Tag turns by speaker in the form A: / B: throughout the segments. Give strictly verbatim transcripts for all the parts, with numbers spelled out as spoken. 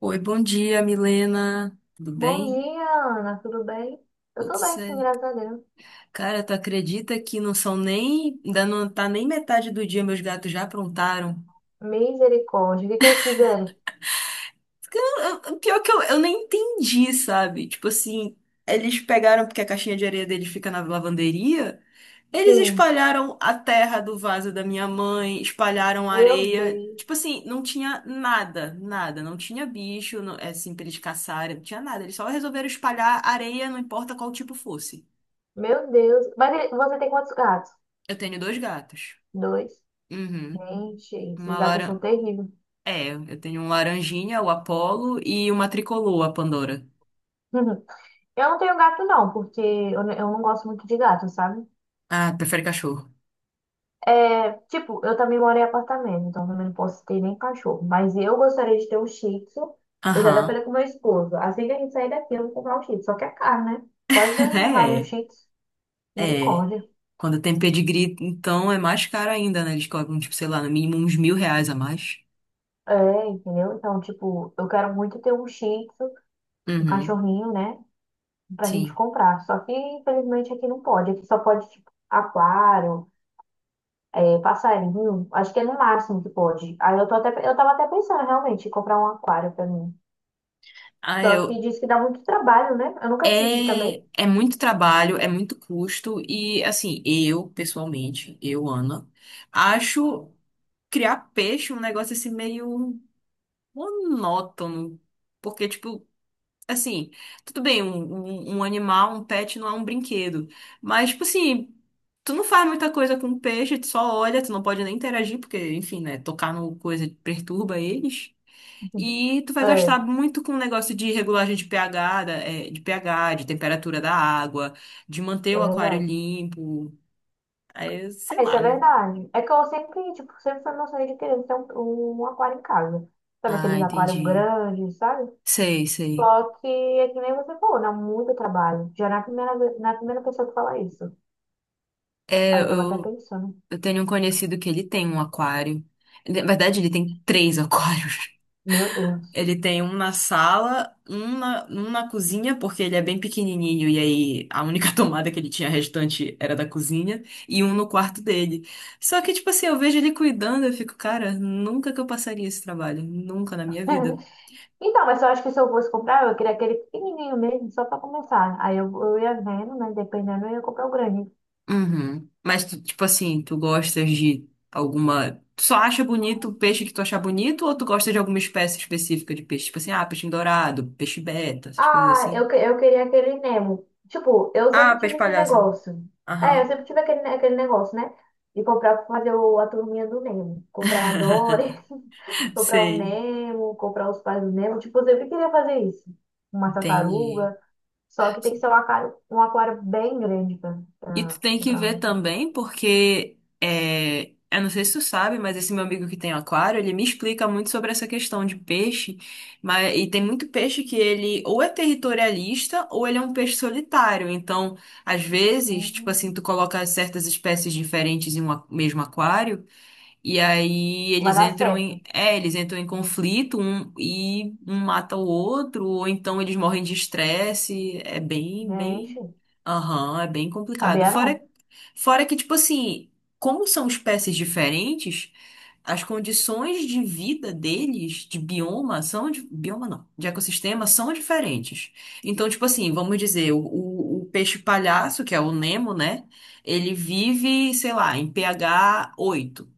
A: Oi, bom dia, Milena. Tudo
B: Bom
A: bem?
B: dia, Ana, tudo bem? Eu
A: Tudo
B: tô bem, sim,
A: certo.
B: graças a Deus.
A: Cara, tu acredita que não são nem. Ainda não tá nem metade do dia, meus gatos já aprontaram.
B: Misericórdia, o que que eles fizeram?
A: Eu- eu- Pior que eu, eu nem entendi, sabe? Tipo assim, eles pegaram, porque a caixinha de areia deles fica na lavanderia, eles
B: Sim,
A: espalharam a terra do vaso da minha mãe, espalharam a
B: meu
A: areia.
B: Deus,
A: Tipo assim, não tinha nada, nada. Não tinha bicho, não, é, assim, pra eles caçarem, não tinha nada. Eles só resolveram espalhar areia, não importa qual tipo fosse.
B: meu Deus. Mas e- você tem quantos gatos?
A: Eu tenho dois gatos.
B: Dois.
A: Uhum.
B: Gente, esses
A: Uma
B: gatos
A: laran...
B: são terríveis.
A: É, eu tenho um laranjinha, o Apollo, e uma tricolor, a Pandora.
B: Eu não tenho gato, não, porque eu, n- eu não gosto muito de gato, sabe?
A: Ah, prefere cachorro.
B: É, tipo, eu também moro em apartamento, então também não posso ter nem cachorro. Mas eu gostaria de ter um shih tzu. Eu já até
A: Aham.
B: falei com meu esposo. Assim que a gente sair daqui, eu vou comprar um shih tzu. Só que é caro, né? Quase dois mil reais o
A: É,
B: shih tzu.
A: é.
B: Misericórdia.
A: Quando tem pedigree, então é mais caro ainda, né? Eles cobram, tipo, sei lá, no mínimo uns mil reais a mais.
B: É, entendeu? Então, tipo, eu quero muito ter um shih tzu, um
A: Uhum.
B: cachorrinho, né? Pra gente
A: Sim.
B: comprar. Só que, infelizmente, aqui não pode. Aqui só pode, tipo, aquário, é, passarinho. Acho que é no máximo que pode. Aí eu tô até, eu tava até pensando, realmente, em comprar um aquário pra mim.
A: Ah,
B: Só que
A: eu.
B: diz que dá muito trabalho, né? Eu nunca tive
A: É,
B: também.
A: é muito trabalho, é muito custo e, assim, eu, pessoalmente, eu, Ana, acho criar peixe um negócio assim meio monótono. Porque, tipo, assim, tudo bem, um, um, um animal, um pet não é um brinquedo. Mas, tipo assim, tu não faz muita coisa com o peixe, tu só olha, tu não pode nem interagir, porque, enfim, né, tocar no coisa perturba eles. E tu vai gastar
B: É,
A: muito com o negócio de regulagem de pH, da- é, de pH, de temperatura da água, de manter
B: é
A: o aquário
B: verdade.
A: limpo. Aí, sei
B: É, isso
A: lá,
B: é
A: né?
B: verdade. É que eu sempre, tipo, sempre fui noção de querer ter um, um aquário em casa. Sabe
A: Ah,
B: aqueles aquários
A: entendi.
B: grandes, sabe?
A: Sei, sei.
B: Só que é que nem você falou, dá muito trabalho. Já na primeira, vez- na primeira pessoa que fala isso.
A: É,
B: Aí eu tava até
A: eu,
B: pensando,
A: Eu tenho um conhecido que ele tem um aquário. Ele- Na verdade, ele tem três aquários.
B: meu Deus.
A: Ele tem um na sala, um na, um na cozinha, porque ele é bem pequenininho e aí a única tomada que ele tinha restante era da cozinha, e um no quarto dele. Só que, tipo assim, eu vejo ele cuidando, eu fico, cara, nunca que eu passaria esse trabalho, nunca na minha vida.
B: Então, mas eu acho que se eu fosse comprar, eu queria aquele pequenininho mesmo, só pra começar. Aí eu, eu ia vendo, né? Dependendo, eu ia comprar o grande.
A: Uhum. Mas tu, tipo assim, tu gostas de alguma. Tu só acha bonito o peixe que tu achar bonito, ou tu gosta de alguma espécie específica de peixe? Tipo assim, ah, peixe dourado, peixe beta, essas coisas
B: Ah,
A: assim.
B: eu, que- eu queria aquele Nemo. Tipo, eu
A: Ah,
B: sempre
A: peixe
B: tive esse
A: palhaço.
B: negócio. É, eu
A: Aham.
B: sempre tive aquele, ne- aquele negócio, né? De comprar, pra fazer o, a turminha do Nemo. Comprar a Dory. Comprar o
A: Sei.
B: Nemo, comprar os pais do Nemo. Tipo, eu sempre queria fazer isso. Uma
A: Entendi.
B: tartaruga. Só que tem que ser um aquário, um aquário bem grande pra,
A: E tu
B: pra
A: tem que
B: comprar uma
A: ver
B: tartaruga.
A: também, porque é, eu não sei se tu sabe, mas esse meu amigo que tem aquário, ele me explica muito sobre essa questão de peixe, mas e tem muito peixe que ele ou é territorialista ou ele é um peixe solitário. Então, às vezes, tipo
B: Uhum.
A: assim, tu coloca certas espécies diferentes em um a- mesmo aquário, e aí
B: Vai
A: eles
B: dar
A: entram
B: certo.
A: em, é, eles entram em conflito um, e um mata o outro, ou então eles morrem de estresse. É bem,
B: Né?
A: bem,
B: Gente,
A: aham, é bem complicado.
B: sabia
A: Fora,
B: não.
A: fora que, tipo assim, como são espécies diferentes, as condições de vida deles, de bioma, são, de, bioma não, de ecossistema, são diferentes. Então, tipo assim, vamos dizer, o, o o peixe palhaço, que é o Nemo, né? Ele vive, sei lá, em pH oito.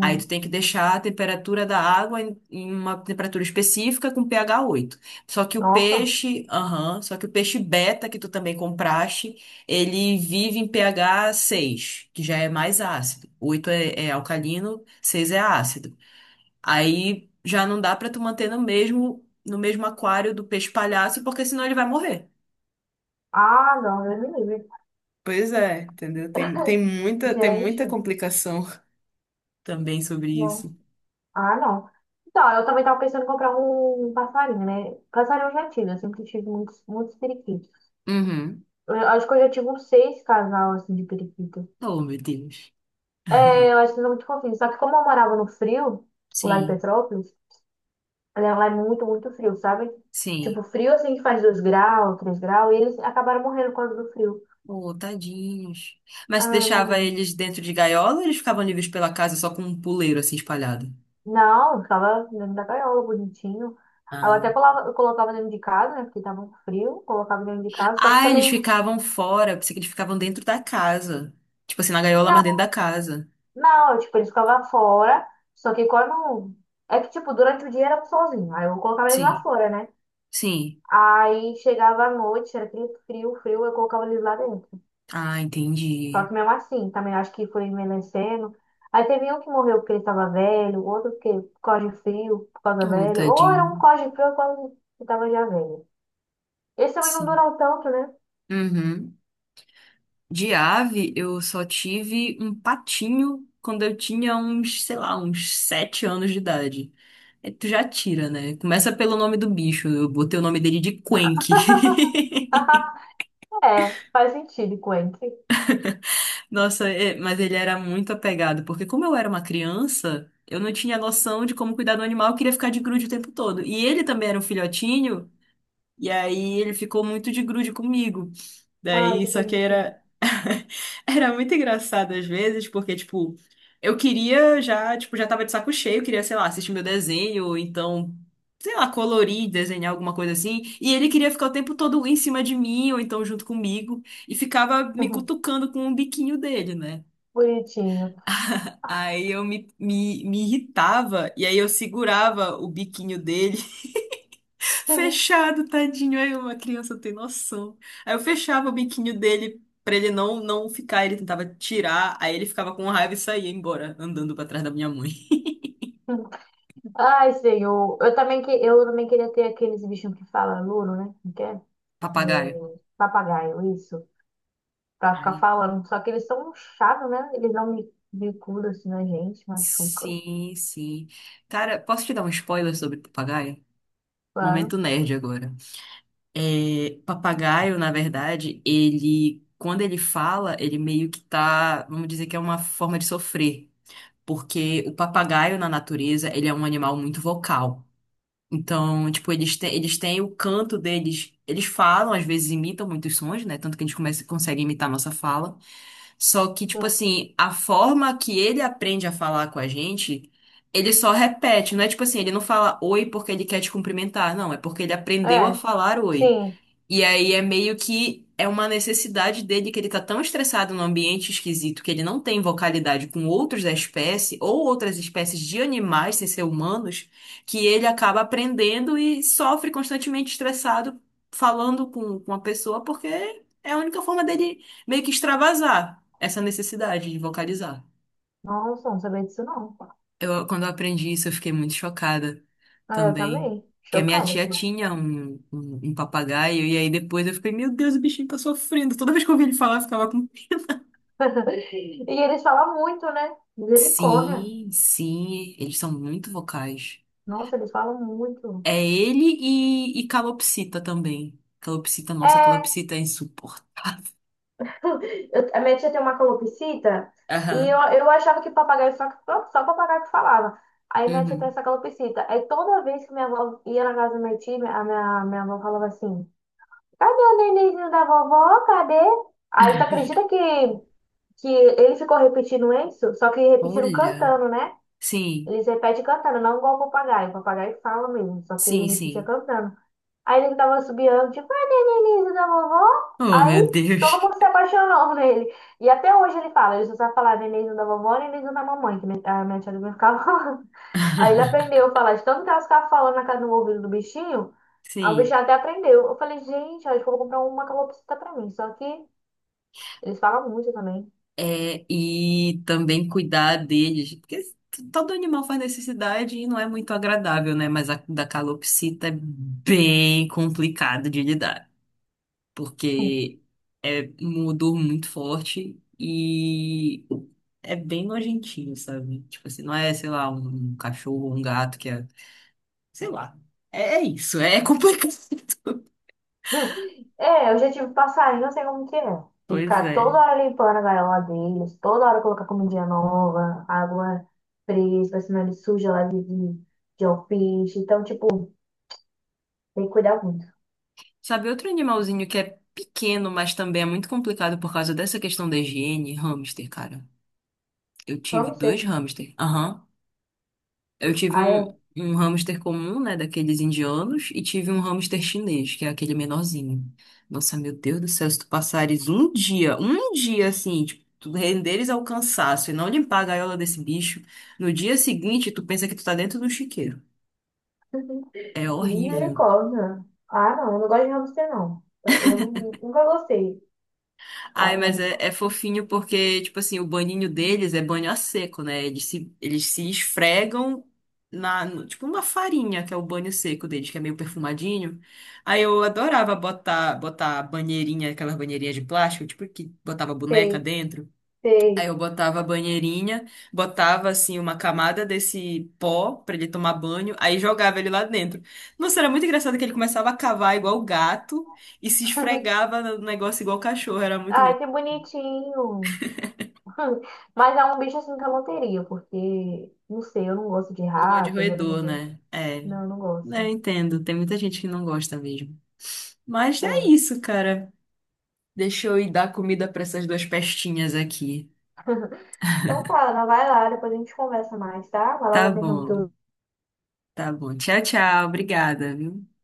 A: Aí tu tem que deixar a temperatura da água em em uma temperatura específica com pH oito. Só que o
B: Nossa.
A: peixe, Aham, só que o peixe beta que tu também compraste, ele vive em pH seis, que já é mais ácido. Oito é, é alcalino, seis é ácido. Aí já não dá pra tu manter no mesmo no mesmo aquário do peixe palhaço, porque senão ele vai morrer.
B: Ah, não, Deus me livre.
A: Pois é, entendeu? Tem, tem muita, tem muita
B: Gente,
A: complicação. Também sobre
B: não.
A: isso.
B: Ah, não. Então, eu também tava pensando em comprar um, um passarinho, né? Passarinho eu já tive, eu sempre tive muitos, muitos periquitos.
A: Uhum.
B: Eu acho que eu já tive uns seis casal, assim, de periquitos.
A: Oh, meu Deus.
B: É, eu acho que não é muito fofinho. Só que como eu morava no frio, lá em
A: Sim.
B: Petrópolis, né, lá é muito, muito frio, sabe? Tipo,
A: Sim.
B: frio assim que faz dois graus, três graus, e eles acabaram morrendo por causa do frio.
A: Oh, tadinhos. Mas tu
B: Ah,
A: deixava
B: morrendo.
A: eles dentro de gaiola, ou eles ficavam livres pela casa só com um puleiro assim espalhado?
B: Não, ficava dentro da gaiola, bonitinho. Eu até
A: Ah.
B: colava- eu colocava dentro de casa, né? Porque tava muito frio, colocava dentro de casa, só que
A: Ah, eles
B: também.
A: ficavam fora. Eu pensei que eles ficavam dentro da casa. Tipo assim, na gaiola, mas
B: Não,
A: dentro da casa.
B: não, tipo, eles ficavam fora, só que quando. É que, tipo, durante o dia era sozinho. Aí eu colocava eles lá
A: Sim.
B: fora, né?
A: Sim.
B: Aí chegava à noite, era frio, frio, frio, eu colocava eles lá dentro.
A: Ah,
B: Só
A: entendi.
B: que mesmo assim, também acho que foi envelhecendo. Aí teve um que morreu porque ele estava velho, outro porque por causa de frio, por causa
A: Oh,
B: velho. Ou era um por
A: tadinho.
B: causa de frio, por causa que estava já velho. Esse também não
A: Sim.
B: durou tanto, né?
A: Uhum. De ave, eu só tive um patinho quando eu tinha uns, sei lá, uns sete anos de idade. É, tu já tira, né? Começa pelo nome do bicho. Eu botei o nome dele de Quenque.
B: É, faz sentido, Quentin.
A: Nossa, é, mas ele era muito apegado, porque como eu era uma criança, eu não tinha noção de como cuidar do animal, eu queria ficar de grude o tempo todo. E ele também era um filhotinho, e aí ele ficou muito de grude comigo.
B: Ai,
A: Daí,
B: que
A: só que
B: bonitinho.
A: era. Era muito engraçado às vezes, porque, tipo, eu queria já, tipo, já tava de saco cheio, queria, sei lá, assistir meu desenho, ou então, sei lá, colorir, desenhar alguma coisa assim. E ele queria ficar o tempo todo em cima de mim, ou então junto comigo, e ficava me cutucando com o biquinho dele, né?
B: Bonitinho.
A: Aí eu me, me, me irritava, e aí eu segurava o biquinho dele fechado, tadinho. Aí uma criança não tem noção. Aí eu fechava o biquinho dele pra ele não, não ficar. Ele tentava tirar, aí ele ficava com raiva e saía embora, andando pra trás da minha mãe.
B: Ai, senhor. Eu também, que, eu também queria ter aqueles bichinhos que falam louro, né? Não quer? É,
A: Papagaio.
B: É, papagaio, isso. Pra ficar
A: Ai,
B: falando. Só que eles são um chato, né? Eles dão bi- bicuda assim na gente, machucam.
A: sim, sim. Cara, posso te dar um spoiler sobre papagaio?
B: Claro.
A: Momento nerd agora. É, papagaio, na verdade, ele, quando ele fala, ele meio que tá, vamos dizer que é uma forma de sofrer. Porque o papagaio na natureza, ele é um animal muito vocal. Então, tipo, eles têm, eles têm o canto deles. Eles falam, às vezes imitam muitos sons, né? Tanto que a gente começa, consegue imitar a nossa fala. Só que, tipo
B: Sim.
A: assim, a forma que ele aprende a falar com a gente, ele só repete. Não é tipo assim, ele não fala oi porque ele quer te cumprimentar. Não, é porque ele aprendeu a
B: É,
A: falar oi.
B: sim.
A: E aí é meio que é uma necessidade dele, que ele tá tão estressado num ambiente esquisito que ele não tem vocalidade com outros da espécie ou outras espécies de animais sem ser humanos, que ele acaba aprendendo e sofre constantemente estressado falando com, com a pessoa, porque é a única forma dele meio que extravasar essa necessidade de vocalizar.
B: Nossa, não sabia disso não.
A: Eu, quando eu aprendi isso, eu fiquei muito chocada
B: Ah, eu
A: também.
B: também.
A: Que a minha
B: Chocada
A: tia
B: aqui.
A: tinha um, um, um papagaio, e aí depois eu fiquei, meu Deus, o bichinho tá sofrendo. Toda vez que eu ouvia ele falar, eu ficava com.
B: E eles falam muito, né? Misericórdia.
A: Sim, sim, eles são muito vocais.
B: Nossa, eles falam muito.
A: É ele e, e calopsita também. Calopsita, nossa,
B: É,
A: calopsita é insuportável.
B: eu- a minha tia tem uma calopsita e eu,
A: Aham.
B: eu achava que papagaio só, só só papagaio que falava. Aí minha tia tem
A: Uhum.
B: essa calopsita. Aí toda vez que minha avó ia na casa da minha tia, a minha, minha avó falava assim. Cadê o nenenzinho da vovó? Cadê? Aí tu acredita que, que, ele ficou repetindo isso? Só que repetindo
A: Olha.
B: cantando, né?
A: Sim,
B: Eles repetem cantando, não igual o papagaio. O papagaio fala mesmo, só que ele
A: sim,
B: repetia
A: sim.
B: cantando. Aí ele tava subiando, tipo, cadê o nenenzinho da vovó?
A: Oh, meu
B: Aí todo
A: Deus.
B: mundo se apaixonou nele. E até hoje ele fala, ele só sabe falar nenenzinho da vovó, nenenzinho da mamãe, que minha- a minha tia do Lívia ficava. Aí ele aprendeu a falar, de tanto que ela ficava falando na casa do ouvido do bichinho, aí o
A: Sim.
B: bichinho até aprendeu. Eu falei, gente, acho que eu vou comprar uma calopsita pra mim. Só que eles falam muito também.
A: É, e também cuidar deles, porque todo animal faz necessidade e não é muito agradável, né? Mas a da calopsita é bem complicado de lidar, porque é um odor muito forte e é bem nojentinho, sabe? Tipo assim, não é, sei lá, um cachorro ou um gato que é, sei lá. É é isso, é complicado.
B: É, eu já tive passarinho, eu sei como que é. Tem que
A: Pois
B: ficar toda
A: é.
B: hora limpando a gaiola deles, toda hora colocar comidinha nova, água fresca, senão ele suja lá de, de, de alfiche. Então, tipo, tem que cuidar muito.
A: Sabe, outro animalzinho que é pequeno, mas também é muito complicado por causa dessa questão da higiene? Hamster, cara. Eu tive dois
B: Hamster.
A: hamster. Aham. Eu tive
B: Aí
A: um,
B: eu,
A: um hamster comum, né, daqueles indianos, e tive um hamster chinês, que é aquele menorzinho. Nossa, meu Deus do céu, se tu passares um dia, um dia assim, tipo, tu renderes ao cansaço e não limpar a gaiola desse bicho, no dia seguinte tu pensa que tu tá dentro do chiqueiro. É horrível.
B: misericórdia. Ah, não, eu não gosto de hamster, não. Eu nunca gostei.
A: Ai,
B: Ai,
A: mas
B: mas
A: é, é fofinho porque, tipo assim, o banhinho deles é banho a seco, né? Eles se, eles se esfregam na, no- tipo, uma farinha, que é o banho seco deles, que é meio perfumadinho. Aí eu adorava botar, botar banheirinha, aquelas banheirinhas de plástico, tipo, que botava boneca
B: sei,
A: dentro. Aí
B: sei.
A: eu botava a banheirinha, botava, assim, uma camada desse pó pra ele tomar banho, aí jogava ele lá dentro. Nossa, era muito engraçado que ele começava a cavar igual gato e se esfregava no negócio igual cachorro, era muito
B: Ai,
A: engraçado.
B: que bonitinho. Mas é um bicho assim que eu não teria, porque, não sei, eu não gosto de
A: Não gosto de
B: rato, né?
A: roedor, né? É,
B: Não, eu não
A: né, eu
B: gosto.
A: entendo. Tem muita gente que não gosta mesmo. Mas é
B: É.
A: isso, cara. Deixa eu ir dar comida para essas duas pestinhas aqui.
B: Então tá, Ana, vai lá, depois a gente conversa mais, tá? Vai lá na
A: Tá bom,
B: atenção
A: tá bom. Tchau, tchau. Obrigada, viu?